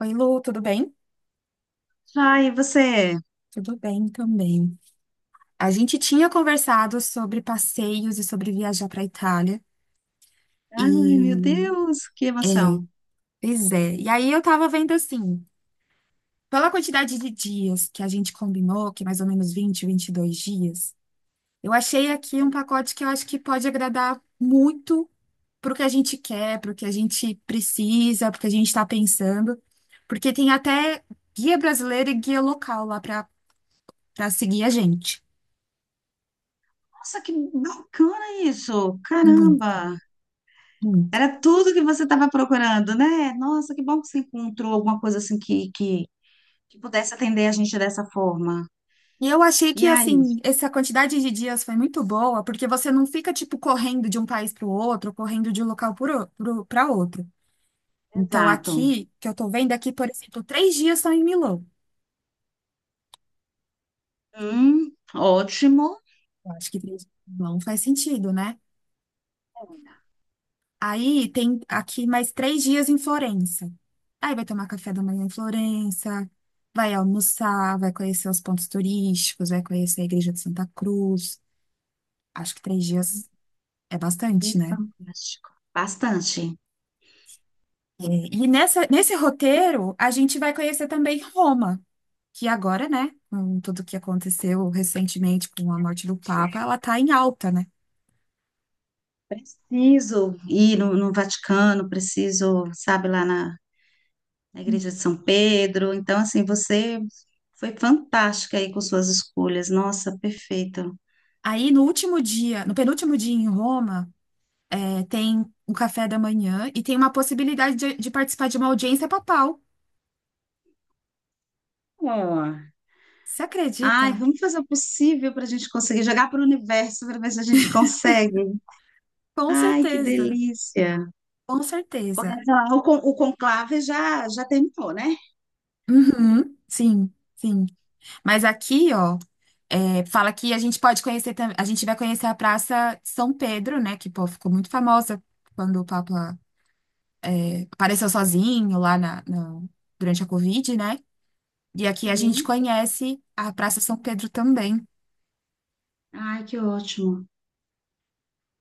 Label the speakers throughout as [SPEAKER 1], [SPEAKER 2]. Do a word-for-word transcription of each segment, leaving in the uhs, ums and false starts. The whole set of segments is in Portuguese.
[SPEAKER 1] Oi, Lu, tudo bem?
[SPEAKER 2] Ai, e você?
[SPEAKER 1] Tudo bem também. A gente tinha conversado sobre passeios e sobre viajar para a Itália. E,
[SPEAKER 2] Ai, meu Deus, que
[SPEAKER 1] é,
[SPEAKER 2] emoção.
[SPEAKER 1] Pois é. E aí eu tava vendo assim, pela quantidade de dias que a gente combinou, que é mais ou menos vinte, vinte e dois dias, eu achei aqui um pacote que eu acho que pode agradar muito pro que a gente quer, pro que a gente precisa, pro que a gente está pensando, porque tem até guia brasileiro e guia local lá para para seguir a gente.
[SPEAKER 2] Nossa, que bacana isso!
[SPEAKER 1] Muito,
[SPEAKER 2] Caramba!
[SPEAKER 1] muito.
[SPEAKER 2] Era tudo que você estava procurando, né? Nossa, que bom que você encontrou alguma coisa assim que, que, que pudesse atender a gente dessa forma.
[SPEAKER 1] E eu achei que,
[SPEAKER 2] E aí?
[SPEAKER 1] assim, essa quantidade de dias foi muito boa, porque você não fica, tipo, correndo de um país para o outro, correndo de um local para outro. Então,
[SPEAKER 2] Exato.
[SPEAKER 1] aqui, que eu tô vendo aqui, por exemplo, três dias são em Milão.
[SPEAKER 2] Hum, ótimo.
[SPEAKER 1] Eu acho que três dias em Milão faz sentido, né? Aí tem aqui mais três dias em Florença. Aí vai tomar café da manhã em Florença, vai almoçar, vai conhecer os pontos turísticos, vai conhecer a Igreja de Santa Cruz. Acho que três dias é bastante,
[SPEAKER 2] E
[SPEAKER 1] né?
[SPEAKER 2] fantástico. Bastante.
[SPEAKER 1] E nessa, nesse roteiro, a gente vai conhecer também Roma, que agora, né, com tudo que aconteceu recentemente com a morte do Papa, ela tá em alta, né?
[SPEAKER 2] Preciso ir no, no Vaticano, preciso, sabe, lá na na Igreja de São Pedro. Então, assim, você foi fantástica aí com suas escolhas. Nossa, perfeita.
[SPEAKER 1] Aí no último dia, no penúltimo dia em Roma, é, tem um café da manhã e tem uma possibilidade de, de participar de uma audiência papal.
[SPEAKER 2] Ó,
[SPEAKER 1] Você
[SPEAKER 2] ai,
[SPEAKER 1] acredita?
[SPEAKER 2] vamos fazer o possível para a gente conseguir jogar para o universo para ver se a gente consegue.
[SPEAKER 1] Com
[SPEAKER 2] Ai, que
[SPEAKER 1] certeza,
[SPEAKER 2] delícia.
[SPEAKER 1] com
[SPEAKER 2] Porque
[SPEAKER 1] certeza.
[SPEAKER 2] sei lá, o, con- o conclave já, já terminou, né?
[SPEAKER 1] Uhum, sim, sim. Mas aqui, ó. É, fala que a gente pode conhecer, tam- a gente vai conhecer a Praça de São Pedro, né? Que, pô, ficou muito famosa quando o Papa é, apareceu sozinho lá na, na- durante a Covid, né? E aqui a gente
[SPEAKER 2] Sim.
[SPEAKER 1] conhece a Praça São Pedro também.
[SPEAKER 2] Ai, que ótimo.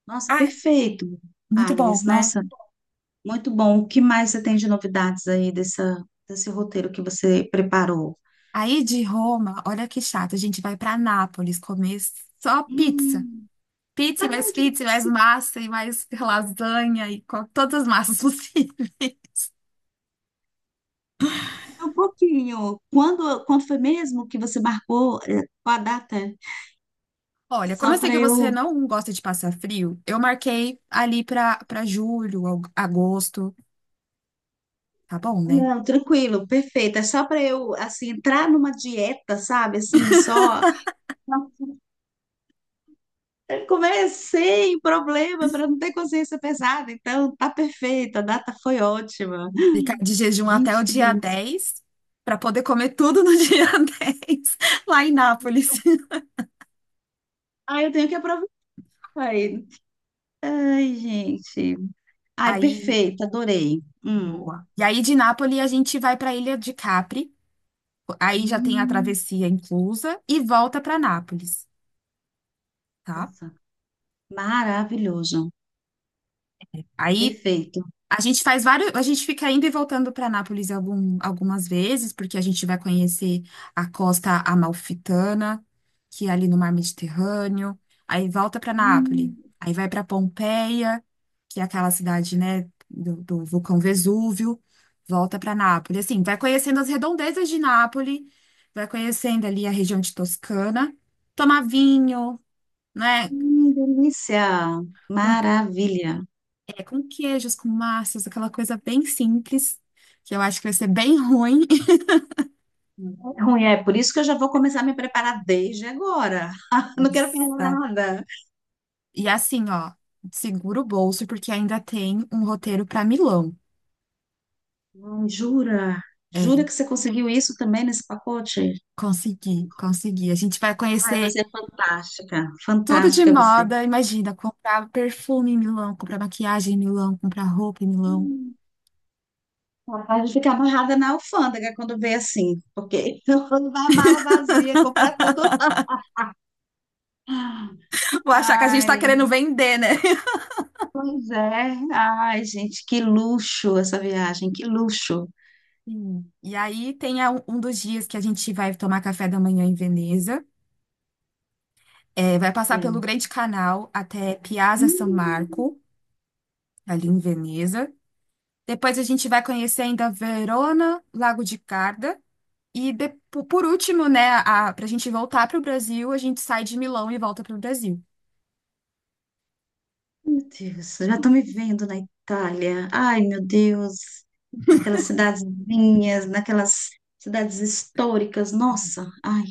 [SPEAKER 2] Nossa,
[SPEAKER 1] Ah,
[SPEAKER 2] perfeito,
[SPEAKER 1] muito bom,
[SPEAKER 2] Agnes.
[SPEAKER 1] né?
[SPEAKER 2] Nossa, muito bom. O que mais você tem de novidades aí dessa, desse roteiro que você preparou?
[SPEAKER 1] Aí de Roma, olha que chato, a gente vai para Nápoles comer só pizza.
[SPEAKER 2] Hum,
[SPEAKER 1] Pizza, e mais
[SPEAKER 2] ai, que
[SPEAKER 1] pizza, e mais
[SPEAKER 2] delícia.
[SPEAKER 1] massa, e mais lasanha, e co- todas as massas possíveis.
[SPEAKER 2] Um pouquinho. Quando, quando foi mesmo que você marcou eh, com a data?
[SPEAKER 1] Olha, como eu
[SPEAKER 2] Só
[SPEAKER 1] sei
[SPEAKER 2] para
[SPEAKER 1] que você
[SPEAKER 2] eu.
[SPEAKER 1] não gosta de passar frio, eu marquei ali para para julho, ao- agosto, tá bom, né?
[SPEAKER 2] Não, tranquilo, perfeito. É só para eu, assim, entrar numa dieta, sabe? Assim, só. Eu comer sem problema, para não ter consciência pesada. Então, tá perfeito. A data foi ótima.
[SPEAKER 1] Ficar de jejum até o
[SPEAKER 2] Gente, que
[SPEAKER 1] dia
[SPEAKER 2] delícia.
[SPEAKER 1] dez, para poder comer tudo no dia dez lá em Nápoles.
[SPEAKER 2] Ai, eu tenho que aproveitar. Ai, ai, gente. Ai,
[SPEAKER 1] Aí,
[SPEAKER 2] perfeito, adorei. Hum.
[SPEAKER 1] boa. E aí de Nápoles a gente vai para a Ilha de Capri, aí já tem a
[SPEAKER 2] Hum,
[SPEAKER 1] travessia inclusa e volta para Nápoles, tá?
[SPEAKER 2] nossa, maravilhoso.
[SPEAKER 1] Aí
[SPEAKER 2] Perfeito.
[SPEAKER 1] a gente faz vários, a gente fica indo e voltando para Nápoles algum- algumas vezes, porque a gente vai conhecer a costa amalfitana, que é ali no Mar Mediterrâneo, aí volta para Nápoles,
[SPEAKER 2] Hum.
[SPEAKER 1] aí vai para Pompeia, que é aquela cidade, né, do, do vulcão Vesúvio, volta para Nápoles. Assim, vai conhecendo as redondezas de Nápoles, vai conhecendo ali a região de Toscana, tomar vinho, né?
[SPEAKER 2] Hum, delícia! Maravilha!
[SPEAKER 1] É com queijos, com massas, aquela coisa bem simples, que eu acho que vai ser bem ruim.
[SPEAKER 2] É ruim, é por isso que eu já vou começar a me preparar desde agora. Não quero perder
[SPEAKER 1] Exato.
[SPEAKER 2] nada.
[SPEAKER 1] E assim, ó, segura o bolso, porque ainda tem um roteiro para Milão.
[SPEAKER 2] Ai, jura? Jura
[SPEAKER 1] É,
[SPEAKER 2] que você conseguiu isso também nesse pacote?
[SPEAKER 1] consegui, consegui. A gente vai
[SPEAKER 2] Ai,
[SPEAKER 1] conhecer
[SPEAKER 2] você é fantástica.
[SPEAKER 1] tudo de
[SPEAKER 2] Fantástica você.
[SPEAKER 1] moda, imagina, comprar perfume em Milão, comprar maquiagem em Milão, comprar roupa em Milão.
[SPEAKER 2] Capaz de ficar amarrada na alfândega quando vê assim, porque quando vai a mala vazia, comprar tudo.
[SPEAKER 1] Vou achar que a gente tá
[SPEAKER 2] Ai,
[SPEAKER 1] querendo vender, né?
[SPEAKER 2] pois é. Ai, gente, que luxo essa viagem, que luxo.
[SPEAKER 1] Sim. E aí tem a- um dos dias que a gente vai tomar café da manhã em Veneza. É, vai passar pelo
[SPEAKER 2] É.
[SPEAKER 1] Grande Canal até Piazza San
[SPEAKER 2] Hum.
[SPEAKER 1] Marco, ali em Veneza. Depois a gente vai conhecer ainda Verona, Lago de Garda. E de- po- por último, né, a, pra gente voltar pro Brasil, a gente sai de Milão e volta pro Brasil.
[SPEAKER 2] Meu Deus, eu já estou me vendo na Itália. Ai, meu Deus, naquelas cidadezinhas, naquelas cidades históricas. Nossa, ai,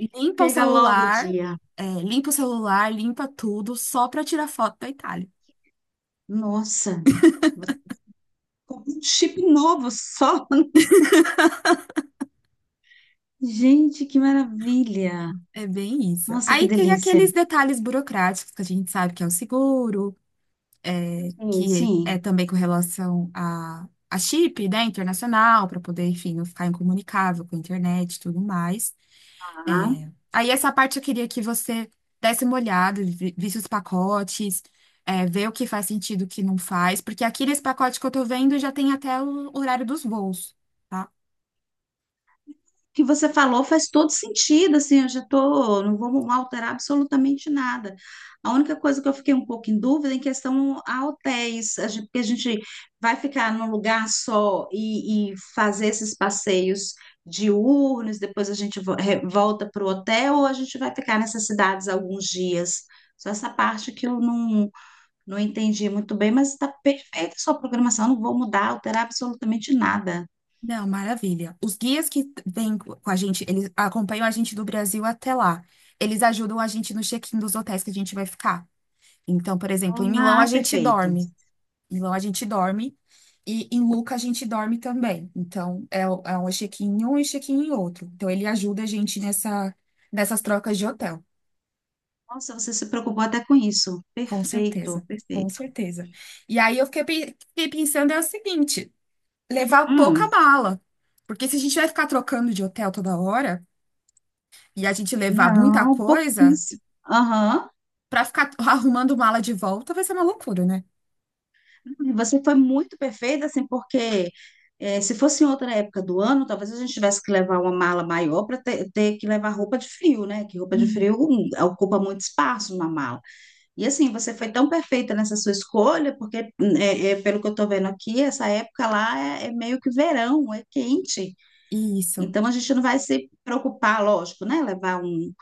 [SPEAKER 1] Limpa o
[SPEAKER 2] chega logo o
[SPEAKER 1] celular,
[SPEAKER 2] dia.
[SPEAKER 1] é, limpa o celular, limpa tudo, só pra tirar foto da Itália.
[SPEAKER 2] Nossa, vou comprar um chip novo só. Gente, que maravilha.
[SPEAKER 1] É bem isso.
[SPEAKER 2] Nossa, que
[SPEAKER 1] Aí tem
[SPEAKER 2] delícia.
[SPEAKER 1] aqueles detalhes burocráticos que a gente sabe que é o seguro, é,
[SPEAKER 2] Sim,
[SPEAKER 1] que é
[SPEAKER 2] sim.
[SPEAKER 1] também com relação a, a chip, né, internacional, para poder, enfim, não ficar incomunicável com a internet e tudo mais. É, aí essa parte eu queria que você desse uma olhada, vi- visse os pacotes, é, ver o que faz sentido, o que não faz, porque aqui nesse pacote que eu tô vendo já tem até o horário dos voos. Tá?
[SPEAKER 2] Que você falou faz todo sentido, assim, eu já tô, não vou alterar absolutamente nada. A única coisa que eu fiquei um pouco em dúvida é em questão a hotéis, a gente- porque a gente vai ficar num lugar só e, e fazer esses passeios diurnos, depois a gente vo- re- volta para o hotel ou a gente vai ficar nessas cidades alguns dias. Só essa parte que eu não, não entendi muito bem, mas está perfeita a sua programação, não vou mudar, alterar absolutamente nada.
[SPEAKER 1] Não, maravilha. Os guias que vêm co- com a gente, eles acompanham a gente do Brasil até lá. Eles ajudam a gente no check-in dos hotéis que a gente vai ficar. Então, por exemplo, em Milão a
[SPEAKER 2] Ah,
[SPEAKER 1] gente
[SPEAKER 2] perfeito.
[SPEAKER 1] dorme. Em Milão a gente dorme. E em Luca a gente dorme também. Então, é, o- é um check-in em um e check-in em outro. Então, ele ajuda a gente nessa, nessas trocas de hotel.
[SPEAKER 2] Nossa, você se preocupou até com isso.
[SPEAKER 1] Com
[SPEAKER 2] Perfeito,
[SPEAKER 1] certeza. Com
[SPEAKER 2] perfeito.
[SPEAKER 1] certeza. E aí eu fiquei, pe- fiquei pensando é o seguinte: levar
[SPEAKER 2] Hum,
[SPEAKER 1] pouca mala. Porque se a gente vai ficar trocando de hotel toda hora e a gente levar muita
[SPEAKER 2] não,
[SPEAKER 1] coisa,
[SPEAKER 2] pouquíssimo. Aham.
[SPEAKER 1] pra ficar arrumando mala de volta vai ser uma loucura, né?
[SPEAKER 2] E você foi muito perfeita, assim, porque eh, se fosse em outra época do ano, talvez a gente tivesse que levar uma mala maior para ter, ter que levar roupa de frio, né? Que roupa de
[SPEAKER 1] Hum.
[SPEAKER 2] frio hum, ocupa muito espaço numa mala. E assim, você foi tão perfeita nessa sua escolha, porque, hum, é, é, pelo que eu estou vendo aqui, essa época lá é é meio que verão, é quente.
[SPEAKER 1] Isso.
[SPEAKER 2] Então a gente não vai se preocupar, lógico, né? Levar um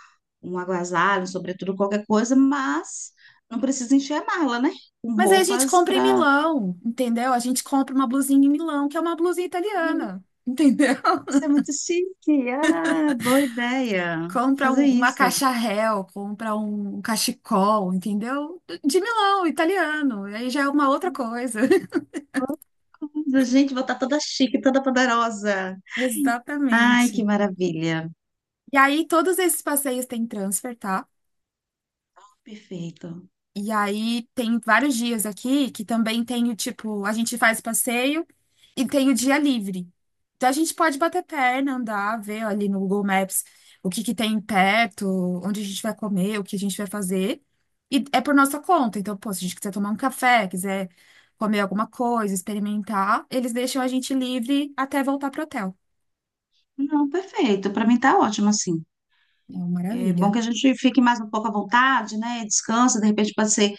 [SPEAKER 2] um agasalho, um sobretudo qualquer coisa, mas não precisa encher a, né? Com
[SPEAKER 1] Mas aí a gente
[SPEAKER 2] roupas
[SPEAKER 1] compra em
[SPEAKER 2] para
[SPEAKER 1] Milão, entendeu? A gente compra uma blusinha em Milão, que é uma blusinha italiana, entendeu?
[SPEAKER 2] ser muito chique. Ah, boa ideia.
[SPEAKER 1] Compra
[SPEAKER 2] Fazer
[SPEAKER 1] um- uma
[SPEAKER 2] isso.
[SPEAKER 1] caixa réu, compra um um cachecol, entendeu? De Milão, italiano. Aí já é uma outra coisa.
[SPEAKER 2] Boa coisa. Gente, vou estar toda chique, toda poderosa. Ai, que
[SPEAKER 1] Exatamente.
[SPEAKER 2] maravilha.
[SPEAKER 1] E aí todos esses passeios têm transfer, tá?
[SPEAKER 2] Perfeito.
[SPEAKER 1] E aí tem vários dias aqui que também tem o tipo, a gente faz passeio e tem o dia livre. Então a gente pode bater perna, andar, ver ali no Google Maps o que que tem perto, onde a gente vai comer, o que a gente vai fazer. E é por nossa conta. Então, pô, se a gente quiser tomar um café, quiser comer alguma coisa, experimentar, eles deixam a gente livre até voltar pro hotel.
[SPEAKER 2] Não, perfeito. Para mim tá ótimo assim.
[SPEAKER 1] É uma
[SPEAKER 2] É bom
[SPEAKER 1] maravilha.
[SPEAKER 2] que a gente fique mais um pouco à vontade, né? Descansa, de repente pode ser,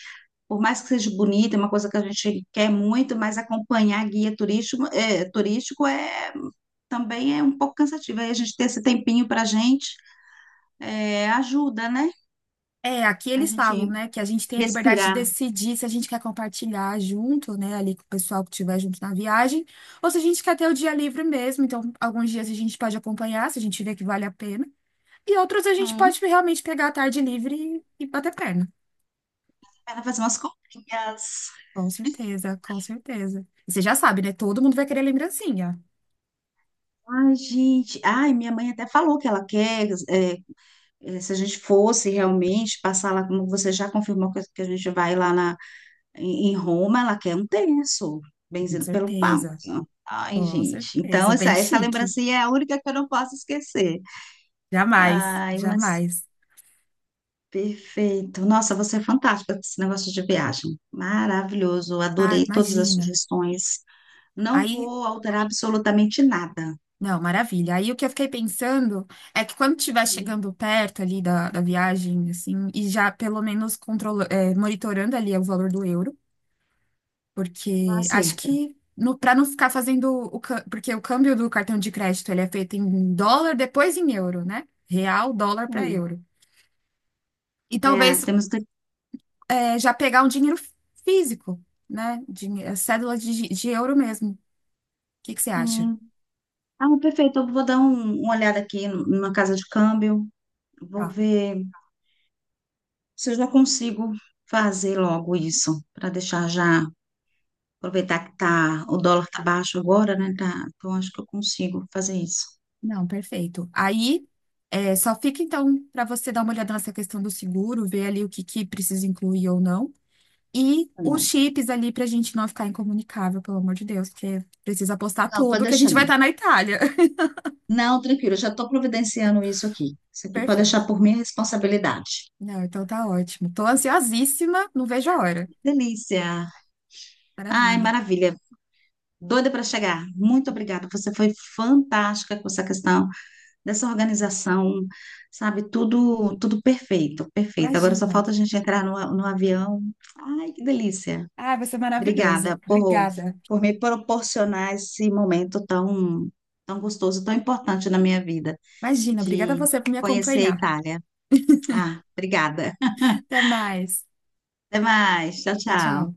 [SPEAKER 2] por mais que seja bonita, é uma coisa que a gente quer muito, mas acompanhar guia turístico, é, turístico é também é um pouco cansativo. Aí a gente ter esse tempinho para a gente é, ajuda, né?
[SPEAKER 1] É, aqui
[SPEAKER 2] A
[SPEAKER 1] eles falam,
[SPEAKER 2] gente
[SPEAKER 1] né, que a gente tem a liberdade de
[SPEAKER 2] respirar.
[SPEAKER 1] decidir se a gente quer compartilhar junto, né, ali com o pessoal que estiver junto na viagem, ou se a gente quer ter o dia livre mesmo. Então, alguns dias a gente pode acompanhar, se a gente vê que vale a pena, e outros a gente
[SPEAKER 2] Hum,
[SPEAKER 1] pode realmente pegar a tarde livre e, e bater perna.
[SPEAKER 2] ela fazer umas comprinhas.
[SPEAKER 1] Com certeza, com certeza. E você já sabe, né? Todo mundo vai querer lembrancinha.
[SPEAKER 2] Ai, gente. Ai, minha mãe até falou que ela quer. É, é, se a gente fosse realmente passar lá, como você já confirmou que que a gente vai lá na, em em Roma, ela quer um terço,
[SPEAKER 1] Com
[SPEAKER 2] benzido pelo Papa.
[SPEAKER 1] certeza,
[SPEAKER 2] Ai,
[SPEAKER 1] com
[SPEAKER 2] gente. Então,
[SPEAKER 1] certeza.
[SPEAKER 2] essa,
[SPEAKER 1] Bem
[SPEAKER 2] essa
[SPEAKER 1] chique.
[SPEAKER 2] lembrancinha é a única que eu não posso esquecer.
[SPEAKER 1] Jamais,
[SPEAKER 2] Ai, mas
[SPEAKER 1] jamais.
[SPEAKER 2] perfeito. Nossa, você é fantástica com esse negócio de viagem. Maravilhoso.
[SPEAKER 1] Ah,
[SPEAKER 2] Adorei todas as
[SPEAKER 1] imagina.
[SPEAKER 2] sugestões. Não
[SPEAKER 1] Aí.
[SPEAKER 2] vou alterar absolutamente nada.
[SPEAKER 1] Não, maravilha. Aí o que eu fiquei pensando é que quando estiver
[SPEAKER 2] Hum,
[SPEAKER 1] chegando perto ali da, da viagem, assim, e já pelo menos controla, é, monitorando ali o valor do euro,
[SPEAKER 2] tá
[SPEAKER 1] porque acho
[SPEAKER 2] certo.
[SPEAKER 1] que no, para não ficar fazendo o, cã- porque o câmbio do cartão de crédito ele é feito em dólar, depois em euro, né? Real, dólar para
[SPEAKER 2] Hum.
[SPEAKER 1] euro. E talvez
[SPEAKER 2] É, temos daqui.
[SPEAKER 1] é, já pegar um dinheiro físico, né? Dinhe- é cédula de, de euro mesmo. O que que você acha?
[SPEAKER 2] Sim. Ah, perfeito. Eu vou dar um, uma olhada aqui numa casa de câmbio. Vou ver se eu já consigo fazer logo isso, para deixar já. Aproveitar que tá, o dólar tá baixo agora, né? Tá, então acho que eu consigo fazer isso.
[SPEAKER 1] Não, perfeito. Aí, é, só fica então para você dar uma olhada nessa questão do seguro, ver ali o que que precisa incluir ou não. E os
[SPEAKER 2] É.
[SPEAKER 1] chips ali para a gente não ficar incomunicável, pelo amor de Deus, porque precisa postar
[SPEAKER 2] Não, pode
[SPEAKER 1] tudo que a
[SPEAKER 2] deixar.
[SPEAKER 1] gente vai estar na Itália.
[SPEAKER 2] Não, tranquilo, eu já estou providenciando isso aqui. Isso aqui pode
[SPEAKER 1] Perfeito.
[SPEAKER 2] deixar por minha responsabilidade.
[SPEAKER 1] Não, então tá ótimo. Tô ansiosíssima, não vejo a hora.
[SPEAKER 2] Delícia! Ai,
[SPEAKER 1] Maravilha.
[SPEAKER 2] maravilha! Doida para chegar. Muito obrigada. Você foi fantástica com essa questão dessa organização, sabe? Tudo, tudo perfeito, perfeito. Agora só
[SPEAKER 1] Imagina.
[SPEAKER 2] falta a gente entrar no, a- no avião. Ai, que delícia!
[SPEAKER 1] Ah, vai ser
[SPEAKER 2] Obrigada
[SPEAKER 1] maravilhoso.
[SPEAKER 2] por,
[SPEAKER 1] Obrigada.
[SPEAKER 2] por me proporcionar esse momento tão, tão gostoso, tão importante na minha vida,
[SPEAKER 1] Imagina, obrigada a
[SPEAKER 2] de
[SPEAKER 1] você por me
[SPEAKER 2] conhecer a
[SPEAKER 1] acompanhar.
[SPEAKER 2] Itália. Ah, obrigada.
[SPEAKER 1] Até mais.
[SPEAKER 2] Até mais. Tchau,
[SPEAKER 1] Tchau, tchau.
[SPEAKER 2] tchau.